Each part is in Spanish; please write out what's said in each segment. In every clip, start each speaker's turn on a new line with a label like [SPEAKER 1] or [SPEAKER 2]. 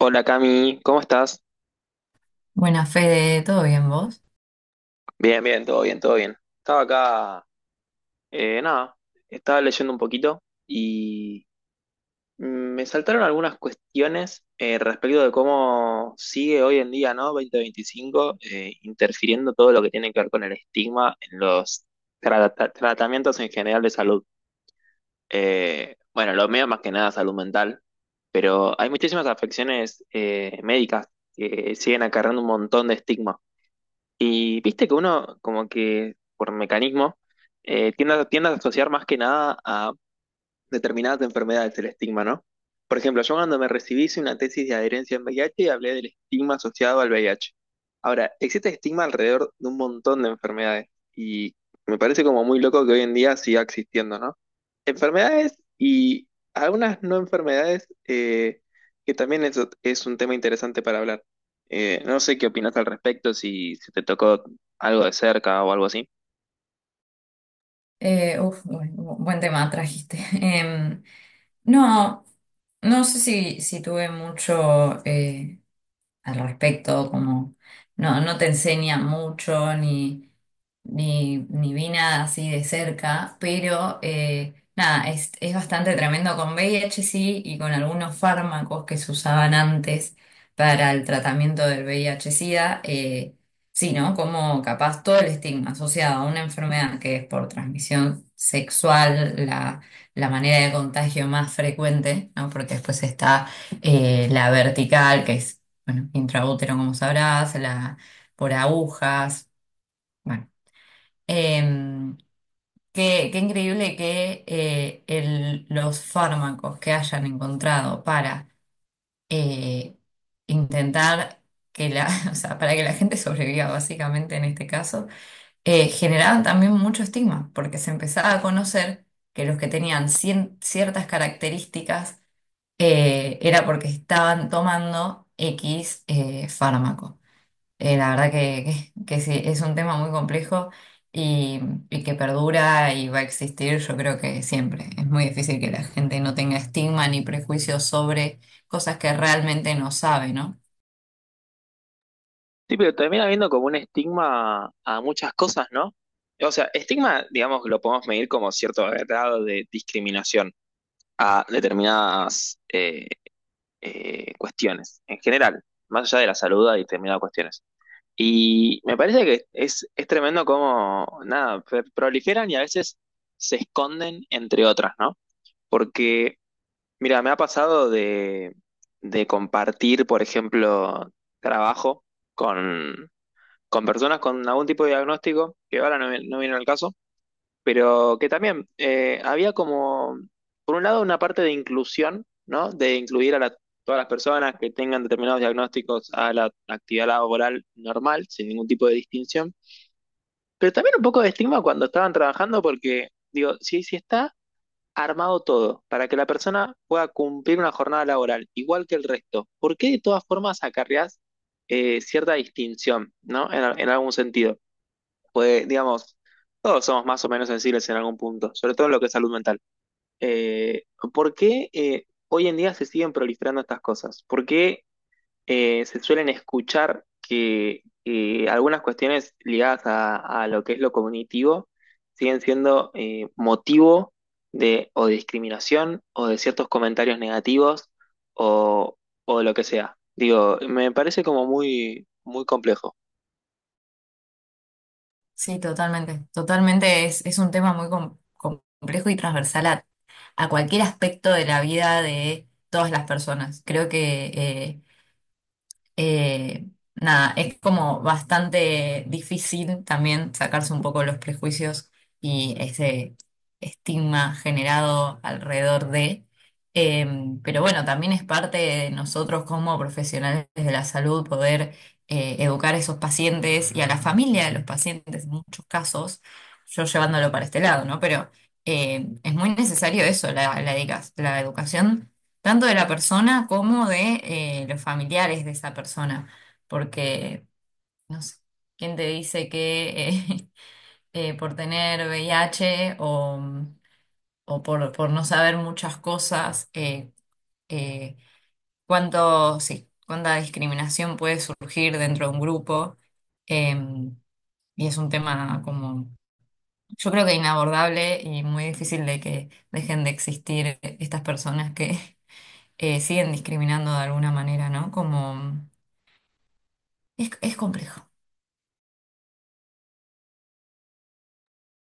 [SPEAKER 1] Hola Cami, ¿cómo estás?
[SPEAKER 2] Buena Fede, ¿todo bien vos?
[SPEAKER 1] Bien, bien, todo bien, todo bien. Estaba acá, nada, estaba leyendo un poquito y me saltaron algunas cuestiones respecto de cómo sigue hoy en día, ¿no? 2025, interfiriendo todo lo que tiene que ver con el estigma en los tratamientos en general de salud. Bueno, lo mío más que nada salud mental, pero hay muchísimas afecciones médicas que siguen acarreando un montón de estigma. Y viste que uno, como que por mecanismo, tiende, a tiende a asociar más que nada a determinadas enfermedades, el estigma, ¿no? Por ejemplo, yo cuando me recibí hice una tesis de adherencia en VIH y hablé del estigma asociado al VIH. Ahora, existe estigma alrededor de un montón de enfermedades y me parece como muy loco que hoy en día siga existiendo, ¿no? Enfermedades y algunas no enfermedades, que también eso es un tema interesante para hablar. No sé qué opinas al respecto, si te tocó algo de cerca o algo así.
[SPEAKER 2] Buen tema trajiste. No, no sé si tuve mucho al respecto. Como no, no te enseña mucho ni ni vi nada así de cerca, pero nada, es bastante tremendo con VIH, sí, y con algunos fármacos que se usaban antes para el tratamiento del VIH-Sida, sí, ¿no? Como capaz todo el estigma asociado a una enfermedad que es por transmisión sexual, la manera de contagio más frecuente, ¿no? Porque después está la vertical, que es, bueno, intraútero, como sabrás, por agujas. Bueno, em, qué increíble que los fármacos que hayan encontrado para eh, intentar que la, o sea, para que la gente sobreviva, básicamente en este caso. Generaban también mucho estigma, porque se empezaba a conocer que los que tenían ciertas características era porque estaban tomando X fármaco. La verdad que sí, es un tema muy complejo y, y que perdura y va a existir, yo creo que siempre. Es muy difícil que la gente no tenga estigma ni prejuicios sobre cosas que realmente no sabe, ¿no?
[SPEAKER 1] Sí, pero termina habiendo como un estigma a muchas cosas, ¿no? O sea, estigma, digamos, lo podemos medir como cierto grado de discriminación a determinadas cuestiones, en general, más allá de la salud y determinadas cuestiones. Y me parece que es tremendo cómo, nada, proliferan y a veces se esconden entre otras, ¿no? Porque, mira, me ha pasado de compartir, por ejemplo, trabajo con personas con algún tipo de diagnóstico, que ahora no, no viene al caso, pero que también había como, por un lado, una parte de inclusión, ¿no? De incluir a la- Todas las personas que tengan determinados diagnósticos a la actividad laboral normal, sin ningún tipo de distinción, pero también un poco de estigma cuando estaban trabajando, porque, digo, si está armado todo para que la persona pueda cumplir una jornada laboral igual que el resto, ¿por qué de todas formas acarreás cierta distinción? ¿No? En algún sentido pues, digamos, todos somos más o menos sensibles en algún punto, sobre todo en lo que es salud mental. Eh, ¿por qué hoy en día se siguen proliferando estas cosas? ¿Por qué se suelen escuchar que algunas cuestiones ligadas a lo que es lo cognitivo siguen siendo motivo de o de discriminación o de ciertos comentarios negativos o, o de lo que sea? Digo, me parece como muy, muy complejo.
[SPEAKER 2] Sí, totalmente. Totalmente es un tema muy complejo y transversal a cualquier aspecto de la vida de todas las personas. Creo que Eh, nada, es como bastante difícil también sacarse un poco los prejuicios y ese estigma generado alrededor de. Eh, pero bueno, también es parte de nosotros como profesionales de la salud poder educar a esos pacientes y a la familia de los pacientes, en muchos casos, yo llevándolo para este lado, ¿no? Pero es muy necesario eso, la educación tanto de la persona como de los familiares de esa persona, porque, no sé, ¿quién te dice que por tener VIH o por no saber muchas cosas, eh, sí, cuánta discriminación puede surgir dentro de un grupo? Em, y es un tema como, yo creo que inabordable y muy difícil de que dejen de existir estas personas que siguen discriminando de alguna manera, ¿no? Como es complejo.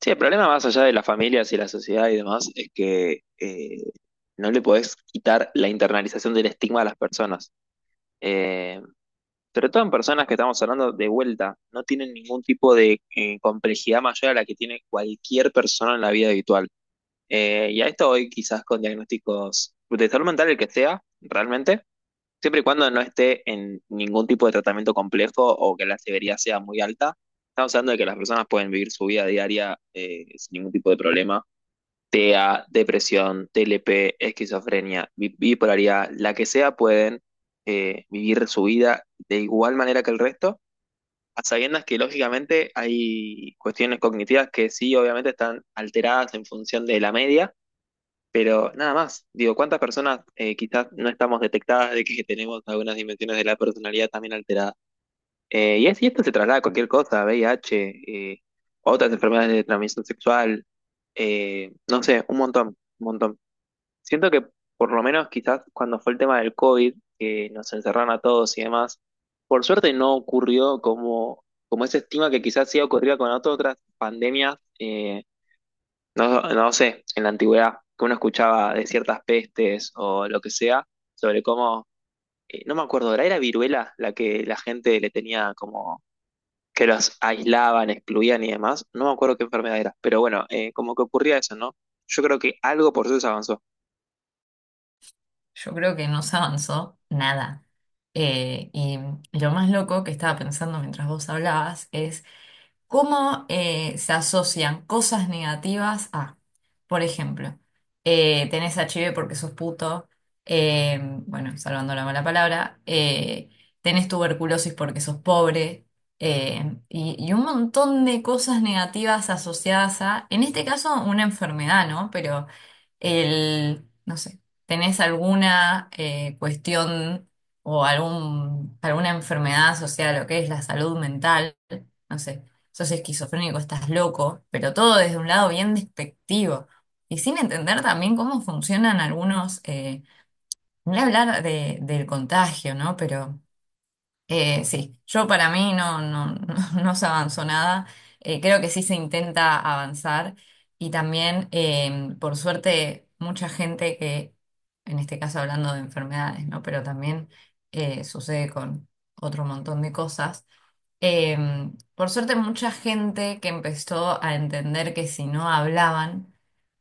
[SPEAKER 1] Sí, el problema más allá de las familias y la sociedad y demás es que no le podés quitar la internalización del estigma a las personas. Eh, Sobre todo en personas que estamos hablando de vuelta, no tienen ningún tipo de complejidad mayor a la que tiene cualquier persona en la vida habitual. Y a esto hoy quizás con diagnósticos de salud mental, el que sea, realmente, siempre y cuando no esté en ningún tipo de tratamiento complejo o que la severidad sea muy alta. Estamos hablando de que las personas pueden vivir su vida diaria sin ningún tipo de problema: TEA, depresión, TLP, esquizofrenia, bipolaridad, la que sea, pueden vivir su vida de igual manera que el resto, a sabiendas que lógicamente hay cuestiones cognitivas que sí, obviamente están alteradas en función de la media, pero nada más. Digo, ¿cuántas personas quizás no estamos detectadas de que tenemos algunas dimensiones de la personalidad también alteradas? Y esto se traslada a cualquier cosa: VIH, eh, otras enfermedades de transmisión sexual, no sé, un montón, un montón. Siento que por lo menos quizás cuando fue el tema del COVID, que nos encerraron a todos y demás, por suerte no ocurrió como, como ese estigma que quizás sí ocurría con otras pandemias, no sé, en la antigüedad, que uno escuchaba de ciertas pestes o lo que sea, sobre cómo, no me acuerdo, era viruela la que la gente le tenía como que los aislaban, excluían y demás? No me acuerdo qué enfermedad era, pero bueno, como que ocurría eso, ¿no? Yo creo que algo por eso se avanzó.
[SPEAKER 2] Yo creo que no se avanzó nada. Y lo más loco que estaba pensando mientras vos hablabas es, ¿cómo se asocian cosas negativas a, por ejemplo, tenés HIV porque sos puto? eh, bueno, salvando la mala palabra, tenés tuberculosis porque sos pobre, y un montón de cosas negativas asociadas a, en este caso, una enfermedad, ¿no? El, no sé, ¿tenés alguna cuestión alguna enfermedad asociada a lo que es la salud mental? No sé, sos esquizofrénico, estás loco, pero todo desde un lado bien despectivo y sin entender también cómo funcionan algunos, no voy a hablar del contagio, ¿no? Pero sí, yo para mí no, no, no, no se avanzó nada. Creo que sí se intenta avanzar y también, por suerte, mucha gente que, en este caso hablando de enfermedades, ¿no? Pero también sucede con otro montón de cosas. Por suerte, mucha gente que empezó a entender que si no hablaban,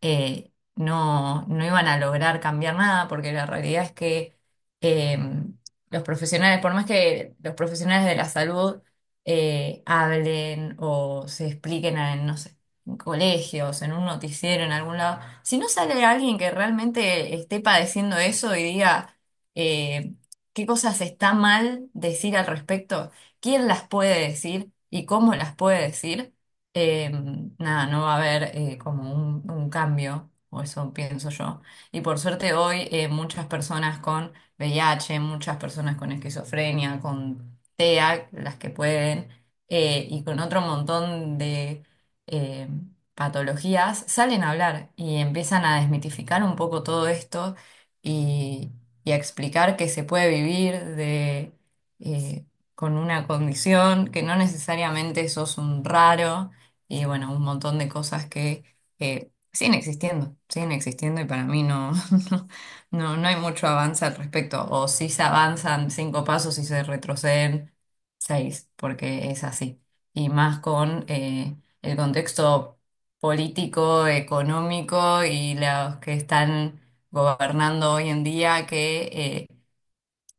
[SPEAKER 2] no, no iban a lograr cambiar nada, porque la realidad es que em, los profesionales, por más que los profesionales de la salud hablen o se expliquen en, no sé, en colegios, en un noticiero, en algún lado, si no sale alguien que realmente esté padeciendo eso y diga... eh, ¿qué cosas está mal decir al respecto? Quién las puede decir y cómo las puede decir, eh, nada, no va a haber como un cambio, o eso pienso yo. Y por suerte hoy muchas personas con VIH, muchas personas con esquizofrenia, con TEA, las que pueden, y con otro montón de... eh, patologías, salen a hablar y empiezan a desmitificar un poco todo esto y, y a explicar que se puede vivir de, eh, con una condición, que no necesariamente sos un raro. Y bueno, un montón de cosas que siguen existiendo, siguen existiendo, y para mí no, no, no, no hay mucho avance al respecto. O si se avanzan cinco pasos y se retroceden seis, porque es así. Y más con el contexto político, económico y los que están gobernando hoy en día que...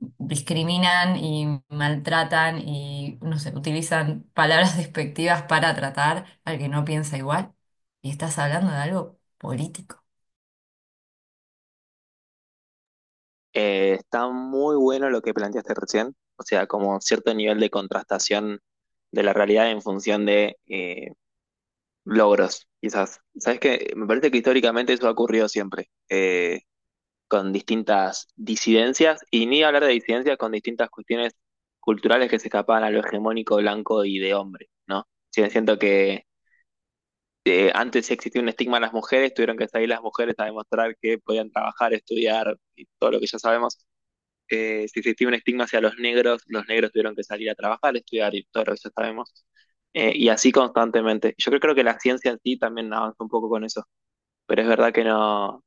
[SPEAKER 2] discriminan y maltratan y, no sé, utilizan palabras despectivas para tratar al que no piensa igual. Y estás hablando de algo político.
[SPEAKER 1] Está muy bueno lo que planteaste recién, o sea, como cierto nivel de contrastación de la realidad en función de logros, quizás. Sabes que me parece que históricamente eso ha ocurrido siempre, con distintas disidencias, y ni hablar de disidencias con distintas cuestiones culturales que se escapaban a lo hegemónico blanco y de hombre, ¿no? Sí, siento que antes existía un estigma a las mujeres, tuvieron que salir las mujeres a demostrar que podían trabajar, estudiar y todo lo que ya sabemos. Si existía un estigma hacia los negros tuvieron que salir a trabajar, estudiar y todo eso sabemos. Y así constantemente. Creo que la ciencia en sí también avanza un poco con eso, pero es verdad que no,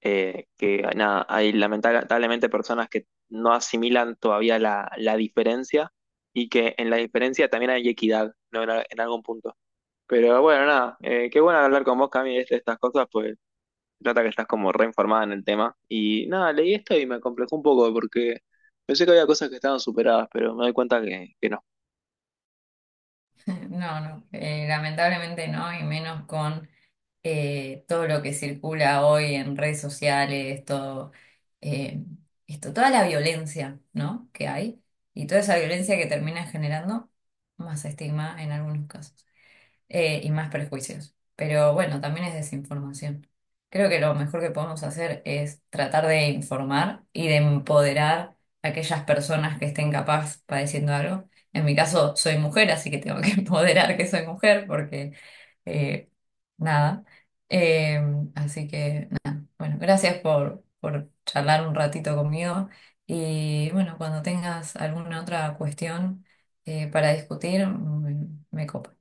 [SPEAKER 1] que nada, hay lamentablemente personas que no asimilan todavía la diferencia y que en la diferencia también hay equidad, ¿no? En, en algún punto. Pero bueno, nada, qué bueno hablar con vos, Cami, de estas cosas, pues se trata que estás como reinformada en el tema. Y nada, leí esto y me complejó un poco porque pensé que había cosas que estaban superadas, pero me doy cuenta que no.
[SPEAKER 2] No, no, lamentablemente no, y menos con todo lo que circula hoy en redes sociales, todo, eh, esto, toda la violencia, ¿no?, que hay, y toda esa violencia que termina generando más estigma en algunos casos. Y más prejuicios. Pero bueno, también es desinformación. Creo que lo mejor que podemos hacer es tratar de informar y de empoderar a aquellas personas que estén capaz padeciendo algo. En mi caso, soy mujer, así que tengo que empoderar que soy mujer porque eh, nada. Eh, Así que nada. Bueno, gracias por charlar un ratito conmigo. Y bueno, cuando tengas alguna otra cuestión para discutir, me copa.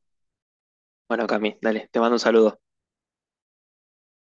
[SPEAKER 1] Bueno, Cami, dale, te mando un saludo.